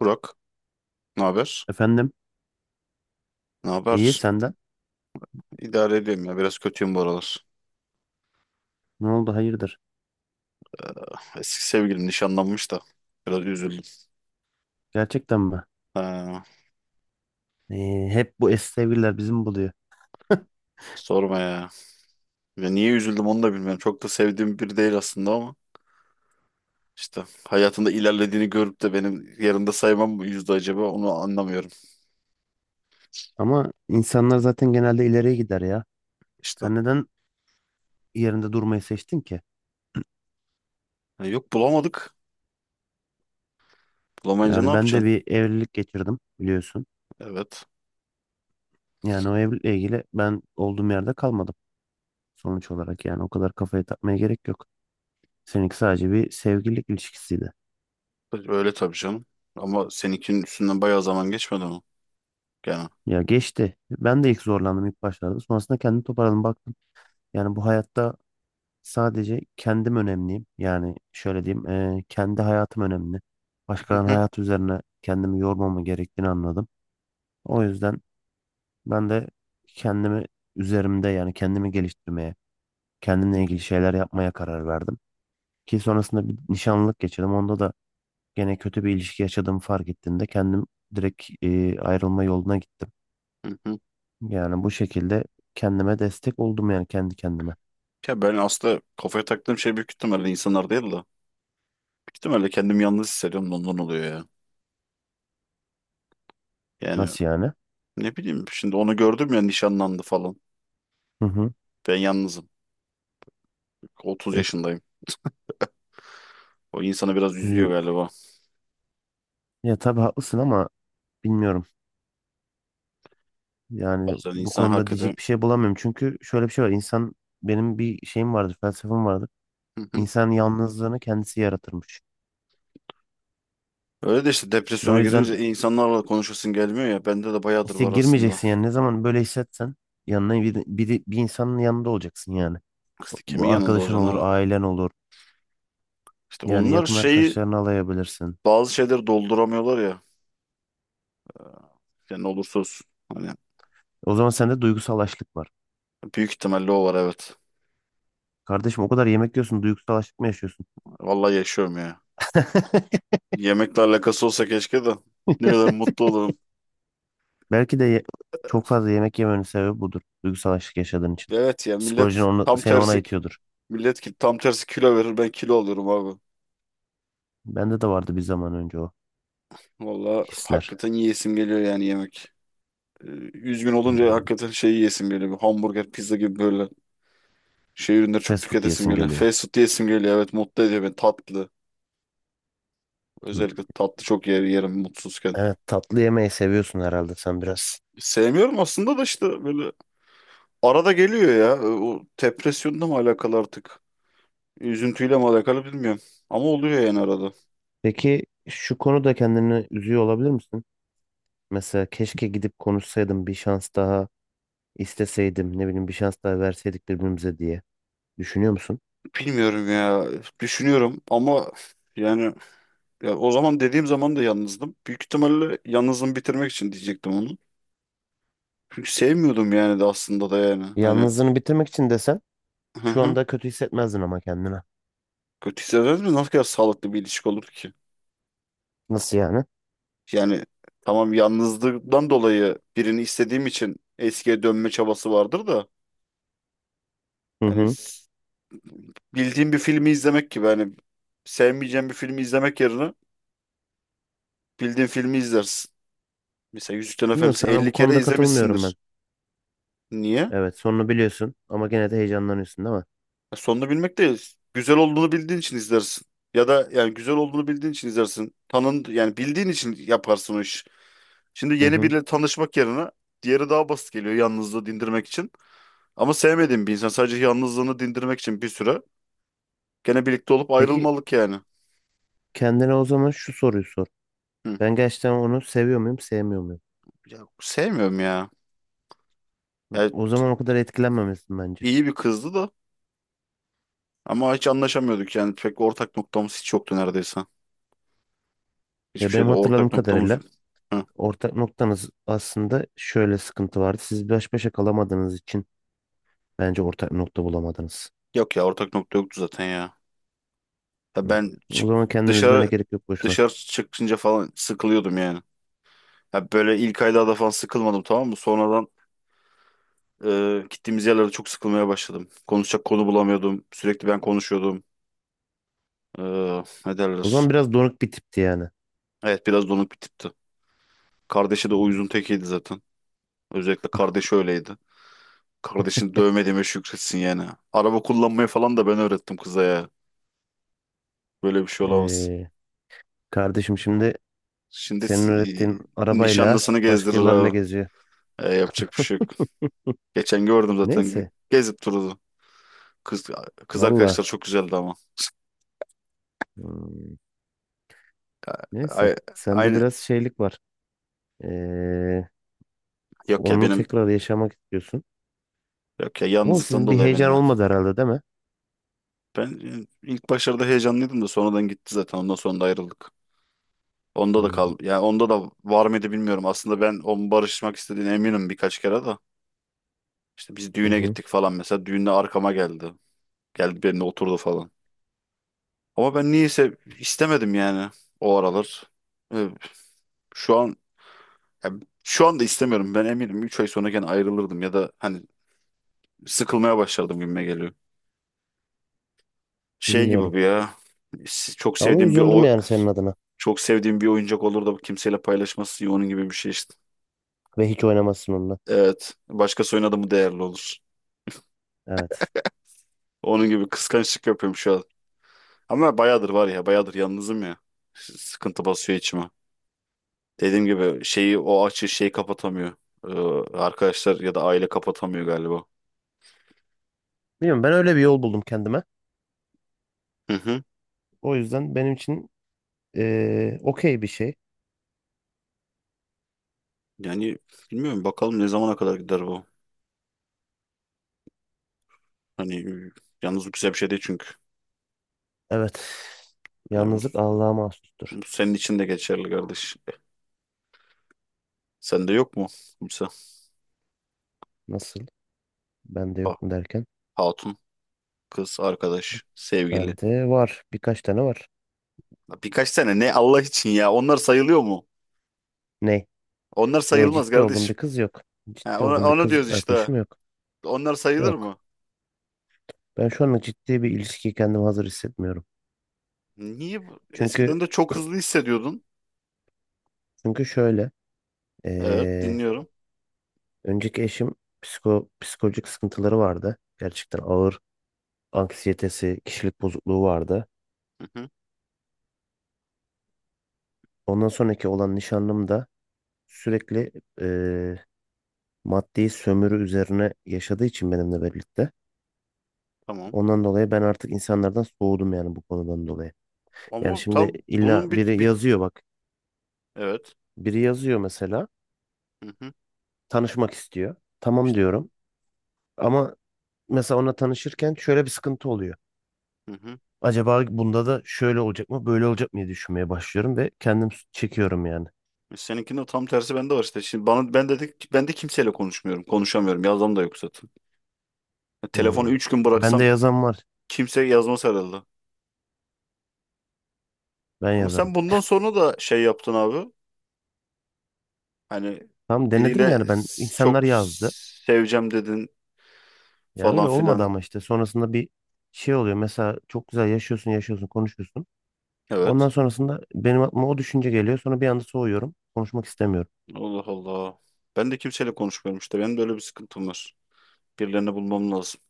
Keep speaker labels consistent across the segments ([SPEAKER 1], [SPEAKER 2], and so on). [SPEAKER 1] Burak, ne haber?
[SPEAKER 2] Efendim,
[SPEAKER 1] Ne
[SPEAKER 2] iyi
[SPEAKER 1] haber?
[SPEAKER 2] senden.
[SPEAKER 1] İdare ediyorum ya. Biraz kötüyüm bu aralar.
[SPEAKER 2] Ne oldu hayırdır?
[SPEAKER 1] Eski sevgilim nişanlanmış da. Biraz üzüldüm.
[SPEAKER 2] Gerçekten mi?
[SPEAKER 1] Ha,
[SPEAKER 2] Hep bu eski sevgililer bizim buluyor.
[SPEAKER 1] sorma ya. Ya niye üzüldüm onu da bilmiyorum. Çok da sevdiğim biri değil aslında ama. İşte hayatında ilerlediğini görüp de benim yanında saymam mı yüzde acaba onu anlamıyorum.
[SPEAKER 2] Ama insanlar zaten genelde ileriye gider ya.
[SPEAKER 1] İşte.
[SPEAKER 2] Sen neden yerinde durmayı seçtin ki?
[SPEAKER 1] Ha, yok bulamadık. Bulamayınca ne
[SPEAKER 2] Yani ben de
[SPEAKER 1] yapacaksın?
[SPEAKER 2] bir evlilik geçirdim biliyorsun.
[SPEAKER 1] Evet.
[SPEAKER 2] Yani o evlilikle ilgili ben olduğum yerde kalmadım sonuç olarak yani o kadar kafaya takmaya gerek yok. Seninki sadece bir sevgililik ilişkisiydi.
[SPEAKER 1] Öyle tabii canım. Ama seninkinin üstünden bayağı zaman geçmedi mi? Gene.
[SPEAKER 2] Ya geçti. Ben de ilk zorlandım ilk başlarda. Sonrasında kendimi toparladım baktım. Yani bu hayatta sadece kendim önemliyim. Yani şöyle diyeyim, kendi hayatım önemli.
[SPEAKER 1] Hı
[SPEAKER 2] Başkalarının
[SPEAKER 1] hı.
[SPEAKER 2] hayatı üzerine kendimi yormama gerektiğini anladım. O yüzden ben de kendimi üzerimde yani kendimi geliştirmeye, kendimle ilgili şeyler yapmaya karar verdim. Ki sonrasında bir nişanlılık geçirdim. Onda da gene kötü bir ilişki yaşadığımı fark ettiğimde kendim direkt ayrılma yoluna gittim.
[SPEAKER 1] Hı hı.
[SPEAKER 2] Yani bu şekilde kendime destek oldum yani kendi kendime.
[SPEAKER 1] Ya ben aslında kafaya taktığım şey büyük ihtimalle insanlar değil de. İhtimalle kendimi yalnız hissediyorum da ondan oluyor ya. Yani
[SPEAKER 2] Nasıl yani?
[SPEAKER 1] ne bileyim şimdi onu gördüm ya nişanlandı falan.
[SPEAKER 2] Hı hı.
[SPEAKER 1] Ben yalnızım. 30
[SPEAKER 2] E,
[SPEAKER 1] yaşındayım. O insanı biraz üzüyor
[SPEAKER 2] iyi.
[SPEAKER 1] galiba.
[SPEAKER 2] Ya tabii haklısın ama bilmiyorum. Yani
[SPEAKER 1] Bazen
[SPEAKER 2] bu
[SPEAKER 1] insan
[SPEAKER 2] konuda
[SPEAKER 1] hakikaten.
[SPEAKER 2] diyecek bir şey bulamıyorum. Çünkü şöyle bir şey var. İnsan benim bir şeyim vardır, felsefem vardır.
[SPEAKER 1] Hı hı.
[SPEAKER 2] İnsan yalnızlığını kendisi yaratırmış.
[SPEAKER 1] Öyle de işte
[SPEAKER 2] O
[SPEAKER 1] depresyona
[SPEAKER 2] yüzden
[SPEAKER 1] girince insanlarla konuşasın gelmiyor ya. Bende de bayağıdır
[SPEAKER 2] işte
[SPEAKER 1] var aslında.
[SPEAKER 2] girmeyeceksin yani. Ne zaman böyle hissetsen yanına bir insanın yanında olacaksın yani.
[SPEAKER 1] İşte
[SPEAKER 2] Bu
[SPEAKER 1] kimin yanında
[SPEAKER 2] arkadaşın
[SPEAKER 1] olacaksın
[SPEAKER 2] olur,
[SPEAKER 1] abi?
[SPEAKER 2] ailen olur.
[SPEAKER 1] İşte
[SPEAKER 2] Yani
[SPEAKER 1] onlar
[SPEAKER 2] yakın
[SPEAKER 1] şeyi
[SPEAKER 2] arkadaşlarını alayabilirsin.
[SPEAKER 1] bazı şeyleri dolduramıyorlar ya. Yani ne olursa olsun. Hani
[SPEAKER 2] O zaman sende duygusal açlık var.
[SPEAKER 1] büyük ihtimalle o var evet.
[SPEAKER 2] Kardeşim o kadar yemek yiyorsun, duygusal açlık mı yaşıyorsun?
[SPEAKER 1] Vallahi yaşıyorum ya. Yemekle alakası olsa keşke de ne kadar mutlu olurum.
[SPEAKER 2] Belki de ye- Çok fazla yemek yemenin sebebi budur. Duygusal açlık yaşadığın için.
[SPEAKER 1] Evet ya,
[SPEAKER 2] Psikolojin onu, seni ona itiyordur.
[SPEAKER 1] millet ki tam tersi kilo verir, ben kilo alıyorum abi.
[SPEAKER 2] Bende de vardı bir zaman önce o
[SPEAKER 1] Valla
[SPEAKER 2] hisler.
[SPEAKER 1] hakikaten yiyesim geliyor yani yemek. Ee, Üzgün olunca
[SPEAKER 2] Hmm.
[SPEAKER 1] hakikaten şey yiyesim geliyor. Bir hamburger, pizza gibi böyle şey ürünleri çok
[SPEAKER 2] Fast food
[SPEAKER 1] tüketesim
[SPEAKER 2] diyesin
[SPEAKER 1] geliyor.
[SPEAKER 2] geliyor.
[SPEAKER 1] Fast food yiyesim geliyor. Evet, mutlu ediyor beni tatlı.
[SPEAKER 2] Hmm.
[SPEAKER 1] Özellikle tatlı çok yerim mutsuzken.
[SPEAKER 2] Evet tatlı yemeyi seviyorsun herhalde sen biraz.
[SPEAKER 1] Sevmiyorum aslında da işte böyle arada geliyor ya. O depresyonla mı alakalı artık? Üzüntüyle mi alakalı bilmiyorum. Ama oluyor yani arada.
[SPEAKER 2] Peki şu konuda kendini üzüyor olabilir misin? Mesela keşke gidip konuşsaydım bir şans daha isteseydim ne bileyim bir şans daha verseydik birbirimize diye düşünüyor musun?
[SPEAKER 1] Bilmiyorum ya. Düşünüyorum ama yani. Ya o zaman dediğim zaman da yalnızdım. Büyük ihtimalle yalnızım bitirmek için diyecektim onu. Çünkü sevmiyordum yani de aslında da yani. Hani
[SPEAKER 2] Yalnızlığını bitirmek için desen
[SPEAKER 1] hı
[SPEAKER 2] şu
[SPEAKER 1] hı.
[SPEAKER 2] anda kötü hissetmezdin ama kendine.
[SPEAKER 1] Kötü hissederdim de nasıl kadar sağlıklı bir ilişki olur ki?
[SPEAKER 2] Nasıl yani?
[SPEAKER 1] Yani tamam, yalnızlıktan dolayı birini istediğim için eskiye dönme çabası vardır da
[SPEAKER 2] Hı
[SPEAKER 1] hani
[SPEAKER 2] hı.
[SPEAKER 1] bildiğim bir filmi izlemek gibi, hani sevmeyeceğim bir filmi izlemek yerine bildiğin filmi izlersin. Mesela Yüzüklerin
[SPEAKER 2] Bilmiyorum
[SPEAKER 1] Efendisi
[SPEAKER 2] sana
[SPEAKER 1] 50
[SPEAKER 2] bu
[SPEAKER 1] kere
[SPEAKER 2] konuda katılmıyorum ben.
[SPEAKER 1] izlemişsindir. Niye?
[SPEAKER 2] Evet sonunu biliyorsun ama gene de heyecanlanıyorsun değil mi?
[SPEAKER 1] Ya, sonunu bilmek değil. Güzel olduğunu bildiğin için izlersin. Ya da yani güzel olduğunu bildiğin için izlersin. Tanın yani bildiğin için yaparsın o iş. Şimdi
[SPEAKER 2] Hı
[SPEAKER 1] yeni
[SPEAKER 2] hı.
[SPEAKER 1] biriyle tanışmak yerine diğeri daha basit geliyor yalnızlığı dindirmek için. Ama sevmediğim bir insan sadece yalnızlığını dindirmek için bir süre gene birlikte olup
[SPEAKER 2] Peki
[SPEAKER 1] ayrılmalık yani.
[SPEAKER 2] kendine o zaman şu soruyu sor.
[SPEAKER 1] Hı.
[SPEAKER 2] Ben gerçekten onu seviyor muyum, sevmiyor muyum?
[SPEAKER 1] Ya, sevmiyorum ya. Yani
[SPEAKER 2] O zaman o kadar etkilenmemesin bence.
[SPEAKER 1] iyi bir kızdı da ama hiç anlaşamıyorduk yani, pek ortak noktamız hiç yoktu neredeyse. Hiçbir
[SPEAKER 2] Ya benim
[SPEAKER 1] şeyde
[SPEAKER 2] hatırladığım
[SPEAKER 1] ortak noktamız
[SPEAKER 2] kadarıyla
[SPEAKER 1] yok. Hı.
[SPEAKER 2] ortak noktanız aslında şöyle sıkıntı vardı. Siz baş başa kalamadığınız için bence ortak nokta bulamadınız.
[SPEAKER 1] Yok ya, ortak nokta yoktu zaten ya. Ya
[SPEAKER 2] Hmm.
[SPEAKER 1] ben
[SPEAKER 2] O
[SPEAKER 1] çık
[SPEAKER 2] zaman kendini üzmene
[SPEAKER 1] dışarı
[SPEAKER 2] gerek yok boşuna.
[SPEAKER 1] dışarı çıkınca falan sıkılıyordum yani. Ya böyle ilk aylarda falan sıkılmadım, tamam mı? Sonradan gittiğimiz yerlerde çok sıkılmaya başladım. Konuşacak konu bulamıyordum. Sürekli ben konuşuyordum. E, Ne
[SPEAKER 2] O
[SPEAKER 1] derler?
[SPEAKER 2] zaman biraz donuk bir tipti yani.
[SPEAKER 1] Evet, biraz donuk bir tipti. Kardeşi de
[SPEAKER 2] Hmm.
[SPEAKER 1] uyuzun tekiydi zaten. Özellikle kardeşi öyleydi. Kardeşini dövmediğime şükretsin yani. Araba kullanmayı falan da ben öğrettim kıza ya. Böyle bir şey olamaz.
[SPEAKER 2] Ee, kardeşim şimdi
[SPEAKER 1] Şimdi
[SPEAKER 2] senin öğrettiğin arabayla
[SPEAKER 1] nişanlısını gezdirir
[SPEAKER 2] başkalarıyla
[SPEAKER 1] abi.
[SPEAKER 2] geziyor.
[SPEAKER 1] Yapacak bir şey yok. Geçen gördüm zaten.
[SPEAKER 2] Neyse.
[SPEAKER 1] Gezip durdu. Kız, kız arkadaşlar
[SPEAKER 2] Valla.
[SPEAKER 1] çok güzeldi ama.
[SPEAKER 2] Hmm. Neyse.
[SPEAKER 1] Ay-
[SPEAKER 2] Sende
[SPEAKER 1] Aynı.
[SPEAKER 2] biraz şeylik var. Ee,
[SPEAKER 1] Yok ya
[SPEAKER 2] Onu
[SPEAKER 1] benim.
[SPEAKER 2] tekrar yaşamak istiyorsun.
[SPEAKER 1] Yok ya,
[SPEAKER 2] Ama
[SPEAKER 1] yalnızlıktan
[SPEAKER 2] sizin bir
[SPEAKER 1] dolayı benim
[SPEAKER 2] heyecan
[SPEAKER 1] ya.
[SPEAKER 2] olmadı herhalde değil mi?
[SPEAKER 1] Ben ilk başlarda heyecanlıydım da sonradan gitti zaten. Ondan sonra da ayrıldık. Onda da
[SPEAKER 2] Anladım.
[SPEAKER 1] kal. Yani onda da var mıydı bilmiyorum. Aslında ben onun barışmak istediğine eminim birkaç kere de. İşte biz
[SPEAKER 2] Hı
[SPEAKER 1] düğüne
[SPEAKER 2] hı.
[SPEAKER 1] gittik falan mesela. Düğünde arkama geldi. Geldi benimle oturdu falan. Ama ben niyeyse istemedim yani o aralar. Ee, Şu an Ya şu anda istemiyorum. Ben eminim 3 ay sonra gene ayrılırdım ya da hani sıkılmaya başlardım gibime geliyor. Şey gibi
[SPEAKER 2] Bilmiyorum.
[SPEAKER 1] bu ya. Çok
[SPEAKER 2] Ama
[SPEAKER 1] sevdiğim bir
[SPEAKER 2] üzüldüm
[SPEAKER 1] o
[SPEAKER 2] yani senin adına.
[SPEAKER 1] çok sevdiğim bir oyuncak olur da kimseyle paylaşması iyi, onun gibi bir şey işte.
[SPEAKER 2] Ve hiç oynamazsın onunla.
[SPEAKER 1] Evet. Başkası oynadı mı değerli olur.
[SPEAKER 2] Evet.
[SPEAKER 1] Onun gibi kıskançlık yapıyorum şu an. Ama bayağıdır var ya, bayağıdır yalnızım ya. Sıkıntı basıyor içime. Dediğim gibi şeyi o açı şeyi kapatamıyor. Arkadaşlar ya da aile kapatamıyor galiba.
[SPEAKER 2] Bilmiyorum ben öyle bir yol buldum kendime.
[SPEAKER 1] Hı hı.
[SPEAKER 2] O yüzden benim için okey bir şey.
[SPEAKER 1] Yani bilmiyorum bakalım ne zamana kadar gider bu. Hani yalnız bu güzel bir şey değil çünkü.
[SPEAKER 2] Evet.
[SPEAKER 1] Yani
[SPEAKER 2] Yalnızlık Allah'a mahsustur.
[SPEAKER 1] bu senin için de geçerli kardeş. Sende yok mu kimse?
[SPEAKER 2] Nasıl? Bende
[SPEAKER 1] Ha-
[SPEAKER 2] yok mu derken?
[SPEAKER 1] hatun, kız, arkadaş, sevgili.
[SPEAKER 2] Bende var. Birkaç tane var.
[SPEAKER 1] Ya birkaç tane ne Allah için ya. Onlar sayılıyor mu?
[SPEAKER 2] Ne?
[SPEAKER 1] Onlar
[SPEAKER 2] Yok
[SPEAKER 1] sayılmaz
[SPEAKER 2] ciddi olduğum bir
[SPEAKER 1] kardeşim.
[SPEAKER 2] kız yok.
[SPEAKER 1] Ha,
[SPEAKER 2] Ciddi
[SPEAKER 1] onu,
[SPEAKER 2] olduğum bir
[SPEAKER 1] onu diyoruz
[SPEAKER 2] kız
[SPEAKER 1] işte.
[SPEAKER 2] arkadaşım yok.
[SPEAKER 1] Onlar sayılır
[SPEAKER 2] Yok.
[SPEAKER 1] mı?
[SPEAKER 2] Ben şu anda ciddi bir ilişkiye kendimi hazır hissetmiyorum.
[SPEAKER 1] Niye?
[SPEAKER 2] Çünkü
[SPEAKER 1] Eskiden de çok hızlı hissediyordun.
[SPEAKER 2] çünkü şöyle.
[SPEAKER 1] Evet,
[SPEAKER 2] Ee,
[SPEAKER 1] dinliyorum.
[SPEAKER 2] önceki eşim psikolojik sıkıntıları vardı. Gerçekten ağır anksiyetesi, kişilik bozukluğu vardı.
[SPEAKER 1] Hı hı,
[SPEAKER 2] Ondan sonraki olan nişanlım da sürekli ee, maddi sömürü üzerine yaşadığı için benimle birlikte.
[SPEAKER 1] tamam.
[SPEAKER 2] Ondan dolayı ben artık insanlardan soğudum yani bu konudan dolayı. Yani
[SPEAKER 1] Ama
[SPEAKER 2] şimdi
[SPEAKER 1] tam
[SPEAKER 2] illa
[SPEAKER 1] bunun bit
[SPEAKER 2] biri
[SPEAKER 1] bit.
[SPEAKER 2] yazıyor bak.
[SPEAKER 1] Evet.
[SPEAKER 2] Biri yazıyor mesela
[SPEAKER 1] Hı hı,
[SPEAKER 2] tanışmak istiyor. Tamam
[SPEAKER 1] işte.
[SPEAKER 2] diyorum. Ama mesela ona tanışırken şöyle bir sıkıntı oluyor.
[SPEAKER 1] Hı hı.
[SPEAKER 2] Acaba bunda da şöyle olacak mı, böyle olacak mı diye düşünmeye başlıyorum ve kendim çekiyorum yani.
[SPEAKER 1] Seninkinde tam tersi bende var işte. Şimdi bana ben dedik, ben de kimseyle konuşmuyorum. Konuşamıyorum. Yazmam da yok zaten. Ya telefonu
[SPEAKER 2] Hmm.
[SPEAKER 1] 3 gün
[SPEAKER 2] Ben
[SPEAKER 1] bıraksam
[SPEAKER 2] de yazan var.
[SPEAKER 1] kimse yazmaz herhalde.
[SPEAKER 2] Ben
[SPEAKER 1] Ama sen
[SPEAKER 2] yazarım.
[SPEAKER 1] bundan sonra da şey yaptın abi. Hani
[SPEAKER 2] Tam denedim
[SPEAKER 1] biriyle
[SPEAKER 2] yani ben insanlar
[SPEAKER 1] çok
[SPEAKER 2] yazdı.
[SPEAKER 1] seveceğim dedin
[SPEAKER 2] Ya
[SPEAKER 1] falan
[SPEAKER 2] öyle olmadı
[SPEAKER 1] filan.
[SPEAKER 2] ama işte sonrasında bir şey oluyor. Mesela çok güzel yaşıyorsun, yaşıyorsun, konuşuyorsun.
[SPEAKER 1] Evet.
[SPEAKER 2] Ondan sonrasında benim aklıma o düşünce geliyor. Sonra bir anda soğuyorum. Konuşmak istemiyorum.
[SPEAKER 1] Allah Allah. Ben de kimseyle konuşmuyorum işte. Benim de öyle bir sıkıntım var. Birilerini bulmam lazım.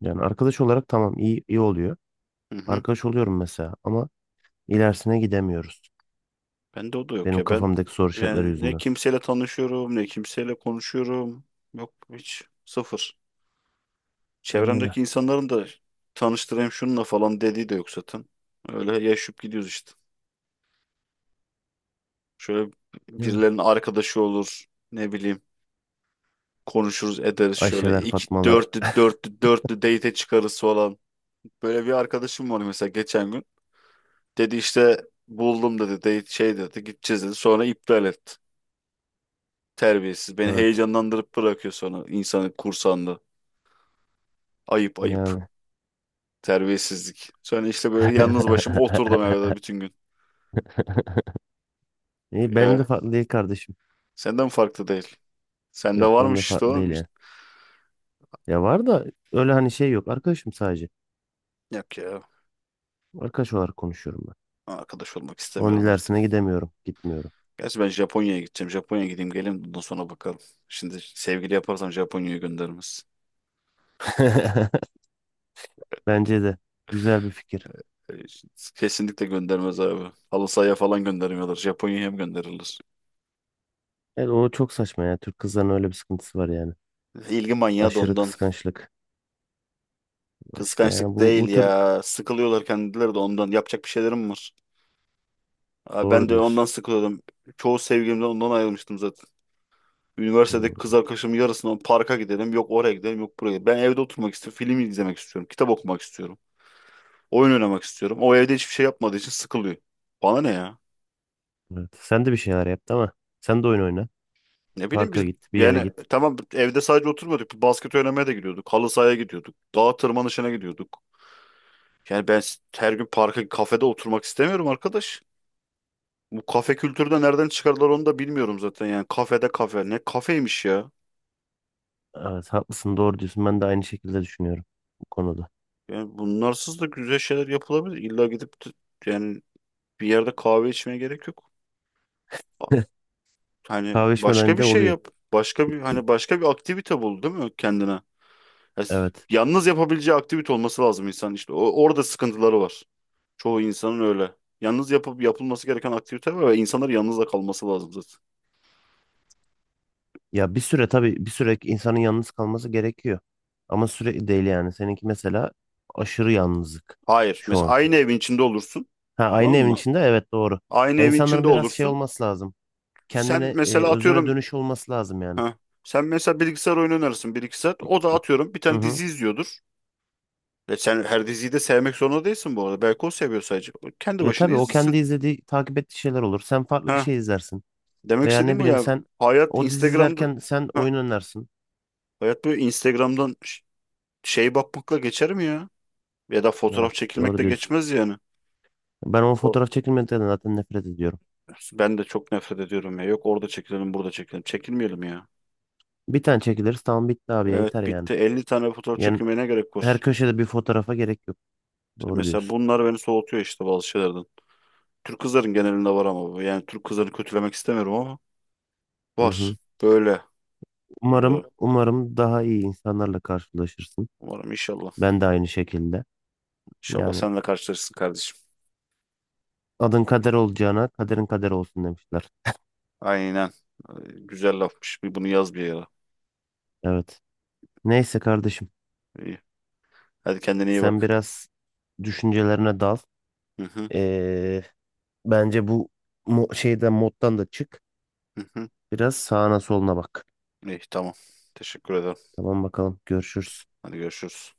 [SPEAKER 2] Yani arkadaş olarak tamam iyi iyi oluyor.
[SPEAKER 1] Hı hı.
[SPEAKER 2] Arkadaş oluyorum mesela ama ilerisine gidemiyoruz.
[SPEAKER 1] Bende o da yok
[SPEAKER 2] Benim
[SPEAKER 1] ya. Ben
[SPEAKER 2] kafamdaki soru işaretleri
[SPEAKER 1] yani ne
[SPEAKER 2] yüzünden.
[SPEAKER 1] kimseyle tanışıyorum ne kimseyle konuşuyorum. Yok hiç. Sıfır.
[SPEAKER 2] Öyle.
[SPEAKER 1] Çevremdeki insanların da tanıştırayım şununla falan dediği de yok zaten. Öyle yaşayıp gidiyoruz işte. Şöyle
[SPEAKER 2] Değil mi?
[SPEAKER 1] birilerinin arkadaşı olur. Ne bileyim, konuşuruz ederiz şöyle.
[SPEAKER 2] Ayşeler,
[SPEAKER 1] İki,
[SPEAKER 2] Fatmalar.
[SPEAKER 1] dörtlü dörtlü dörtlü date çıkarız falan. Böyle bir arkadaşım var mesela geçen gün. Dedi işte buldum, dedi date şey, dedi gideceğiz, dedi. Sonra iptal etti. Terbiyesiz. Beni
[SPEAKER 2] Evet.
[SPEAKER 1] heyecanlandırıp bırakıyor sonra insanı kursağında. Ayıp ayıp.
[SPEAKER 2] Yani.
[SPEAKER 1] Terbiyesizlik. Sonra işte böyle yalnız başım oturdum evde bütün gün.
[SPEAKER 2] İyi, benim de
[SPEAKER 1] Ya.
[SPEAKER 2] farklı değil kardeşim.
[SPEAKER 1] Senden farklı değil. Sende
[SPEAKER 2] Yok benim de
[SPEAKER 1] varmış işte
[SPEAKER 2] farklı
[SPEAKER 1] o.
[SPEAKER 2] değil yani. Ya var da öyle hani şey yok. Arkadaşım sadece.
[SPEAKER 1] Yok ya.
[SPEAKER 2] Arkadaş olarak konuşuyorum ben.
[SPEAKER 1] Arkadaş olmak
[SPEAKER 2] Onun
[SPEAKER 1] istemiyorum artık.
[SPEAKER 2] ilerisine gidemiyorum. Gitmiyorum.
[SPEAKER 1] Gerçi ben Japonya'ya gideceğim. Japonya'ya gideyim geleyim. Bundan sonra bakalım. Şimdi sevgili yaparsam Japonya'ya göndermez.
[SPEAKER 2] Bence de. Güzel bir fikir.
[SPEAKER 1] Ee, Kesinlikle göndermez abi. Halı sahaya falan göndermiyorlar, Japonya'ya hem gönderirler.
[SPEAKER 2] Evet, o çok saçma ya. Türk kızların öyle bir sıkıntısı var yani.
[SPEAKER 1] İlgi manyağı da
[SPEAKER 2] Aşırı
[SPEAKER 1] ondan.
[SPEAKER 2] kıskançlık. İşte yani
[SPEAKER 1] Kıskançlık
[SPEAKER 2] bu
[SPEAKER 1] değil
[SPEAKER 2] bu tür
[SPEAKER 1] ya. Sıkılıyorlar kendileri de ondan. Yapacak bir şeylerim var. Abi ben
[SPEAKER 2] doğru
[SPEAKER 1] de ondan
[SPEAKER 2] diyorsun.
[SPEAKER 1] sıkılıyordum. Çoğu sevgilimden ondan ayrılmıştım zaten. Üniversitedeki kız
[SPEAKER 2] Hmm,
[SPEAKER 1] arkadaşımın yarısından parka gidelim. Yok oraya gidelim, yok buraya gidelim. Ben evde oturmak istiyorum, film izlemek istiyorum, kitap okumak istiyorum, oyun oynamak istiyorum. O evde hiçbir şey yapmadığı için sıkılıyor. Bana ne ya?
[SPEAKER 2] evet. Sen de bir şeyler yap ama sen de oyun oyna.
[SPEAKER 1] Ne bileyim, biz
[SPEAKER 2] Parka git, bir yere
[SPEAKER 1] yani
[SPEAKER 2] git.
[SPEAKER 1] tamam evde sadece oturmuyorduk. Basket oynamaya da gidiyorduk. Halı sahaya gidiyorduk. Dağ tırmanışına gidiyorduk. Yani ben her gün parka, kafede oturmak istemiyorum arkadaş. Bu kafe kültürü de nereden çıkardılar onu da bilmiyorum zaten. Yani kafede kafe. Ne kafeymiş ya?
[SPEAKER 2] Evet, haklısın, doğru diyorsun. Ben de aynı şekilde düşünüyorum bu konuda.
[SPEAKER 1] Yani bunlarsız da güzel şeyler yapılabilir. İlla gidip yani bir yerde kahve içmeye gerek yok. Hani
[SPEAKER 2] Kahve
[SPEAKER 1] başka
[SPEAKER 2] içmeden
[SPEAKER 1] bir
[SPEAKER 2] de
[SPEAKER 1] şey
[SPEAKER 2] oluyor.
[SPEAKER 1] yap. Başka bir aktivite bul değil mi kendine? Ya
[SPEAKER 2] Evet.
[SPEAKER 1] yalnız yapabileceği aktivite olması lazım insan işte. Orada sıkıntıları var. Çoğu insanın öyle. Yalnız yapıp yapılması gereken aktivite var ve insanların yalnız da kalması lazım zaten.
[SPEAKER 2] Ya bir süre tabii bir süre insanın yalnız kalması gerekiyor. Ama sürekli değil yani. Seninki mesela aşırı yalnızlık
[SPEAKER 1] Hayır.
[SPEAKER 2] şu
[SPEAKER 1] Mesela
[SPEAKER 2] anki.
[SPEAKER 1] aynı evin içinde olursun.
[SPEAKER 2] Ha aynı
[SPEAKER 1] Tamam
[SPEAKER 2] evin
[SPEAKER 1] mı?
[SPEAKER 2] içinde evet doğru.
[SPEAKER 1] Aynı
[SPEAKER 2] Ya
[SPEAKER 1] evin
[SPEAKER 2] insanların
[SPEAKER 1] içinde
[SPEAKER 2] biraz şey
[SPEAKER 1] olursun.
[SPEAKER 2] olması lazım.
[SPEAKER 1] Sen
[SPEAKER 2] Kendine
[SPEAKER 1] mesela
[SPEAKER 2] özüne
[SPEAKER 1] atıyorum.
[SPEAKER 2] dönüş olması lazım yani.
[SPEAKER 1] Heh. Sen mesela bilgisayar oyunu oynarsın bir iki saat. O da atıyorum bir
[SPEAKER 2] Hı
[SPEAKER 1] tane
[SPEAKER 2] hı.
[SPEAKER 1] dizi izliyordur. Ve sen her diziyi de sevmek zorunda değilsin bu arada. Belki o seviyor sadece. Kendi
[SPEAKER 2] Ya
[SPEAKER 1] başına
[SPEAKER 2] tabii o kendi
[SPEAKER 1] izlesin.
[SPEAKER 2] izlediği, takip ettiği şeyler olur. Sen farklı bir
[SPEAKER 1] Ha,
[SPEAKER 2] şey izlersin.
[SPEAKER 1] demek
[SPEAKER 2] Veya ne
[SPEAKER 1] istediğim bu
[SPEAKER 2] bileyim
[SPEAKER 1] ya.
[SPEAKER 2] sen
[SPEAKER 1] Hayat
[SPEAKER 2] o dizi
[SPEAKER 1] Instagram'da
[SPEAKER 2] izlerken sen
[SPEAKER 1] ha,
[SPEAKER 2] oyun oynarsın.
[SPEAKER 1] hayat böyle Instagram'dan şey bakmakla geçer mi ya? Ya da fotoğraf
[SPEAKER 2] Evet doğru
[SPEAKER 1] çekilmekle
[SPEAKER 2] diyorsun.
[SPEAKER 1] geçmez yani.
[SPEAKER 2] Ben o
[SPEAKER 1] O-
[SPEAKER 2] fotoğraf çekilmeden zaten nefret ediyorum.
[SPEAKER 1] Ben de çok nefret ediyorum ya. Yok orada çekilelim, burada çekilelim. Çekilmeyelim ya.
[SPEAKER 2] Bir tane çekiliriz tamam bitti abi ya, yeter
[SPEAKER 1] Evet,
[SPEAKER 2] yani.
[SPEAKER 1] bitti. 50 tane fotoğraf
[SPEAKER 2] Yani
[SPEAKER 1] çekilmeye ne gerek
[SPEAKER 2] her
[SPEAKER 1] var?
[SPEAKER 2] köşede bir fotoğrafa gerek yok.
[SPEAKER 1] İşte
[SPEAKER 2] Doğru
[SPEAKER 1] mesela
[SPEAKER 2] diyorsun.
[SPEAKER 1] bunlar beni soğutuyor işte bazı şeylerden. Türk kızların genelinde var ama bu. Yani Türk kızlarını kötülemek istemiyorum ama
[SPEAKER 2] Hı
[SPEAKER 1] var.
[SPEAKER 2] hı.
[SPEAKER 1] Böyle.
[SPEAKER 2] Umarım,
[SPEAKER 1] Ee,
[SPEAKER 2] umarım daha iyi insanlarla karşılaşırsın.
[SPEAKER 1] Umarım inşallah.
[SPEAKER 2] Ben de aynı şekilde.
[SPEAKER 1] İnşallah
[SPEAKER 2] Yani
[SPEAKER 1] sen de karşılaşırsın kardeşim.
[SPEAKER 2] adın kader olacağına kaderin kader olsun demişler.
[SPEAKER 1] Aynen. Ee, Güzel lafmış. Bir bunu yaz bir yere.
[SPEAKER 2] Evet. Neyse kardeşim.
[SPEAKER 1] İyi. Hadi kendine iyi
[SPEAKER 2] Sen
[SPEAKER 1] bak.
[SPEAKER 2] biraz düşüncelerine dal.
[SPEAKER 1] Hı hı.
[SPEAKER 2] Ee, bence bu şeyden moddan da çık.
[SPEAKER 1] Hı hı.
[SPEAKER 2] Biraz sağına soluna bak.
[SPEAKER 1] İyi tamam. Teşekkür ederim.
[SPEAKER 2] Tamam bakalım. Görüşürüz.
[SPEAKER 1] Hadi görüşürüz.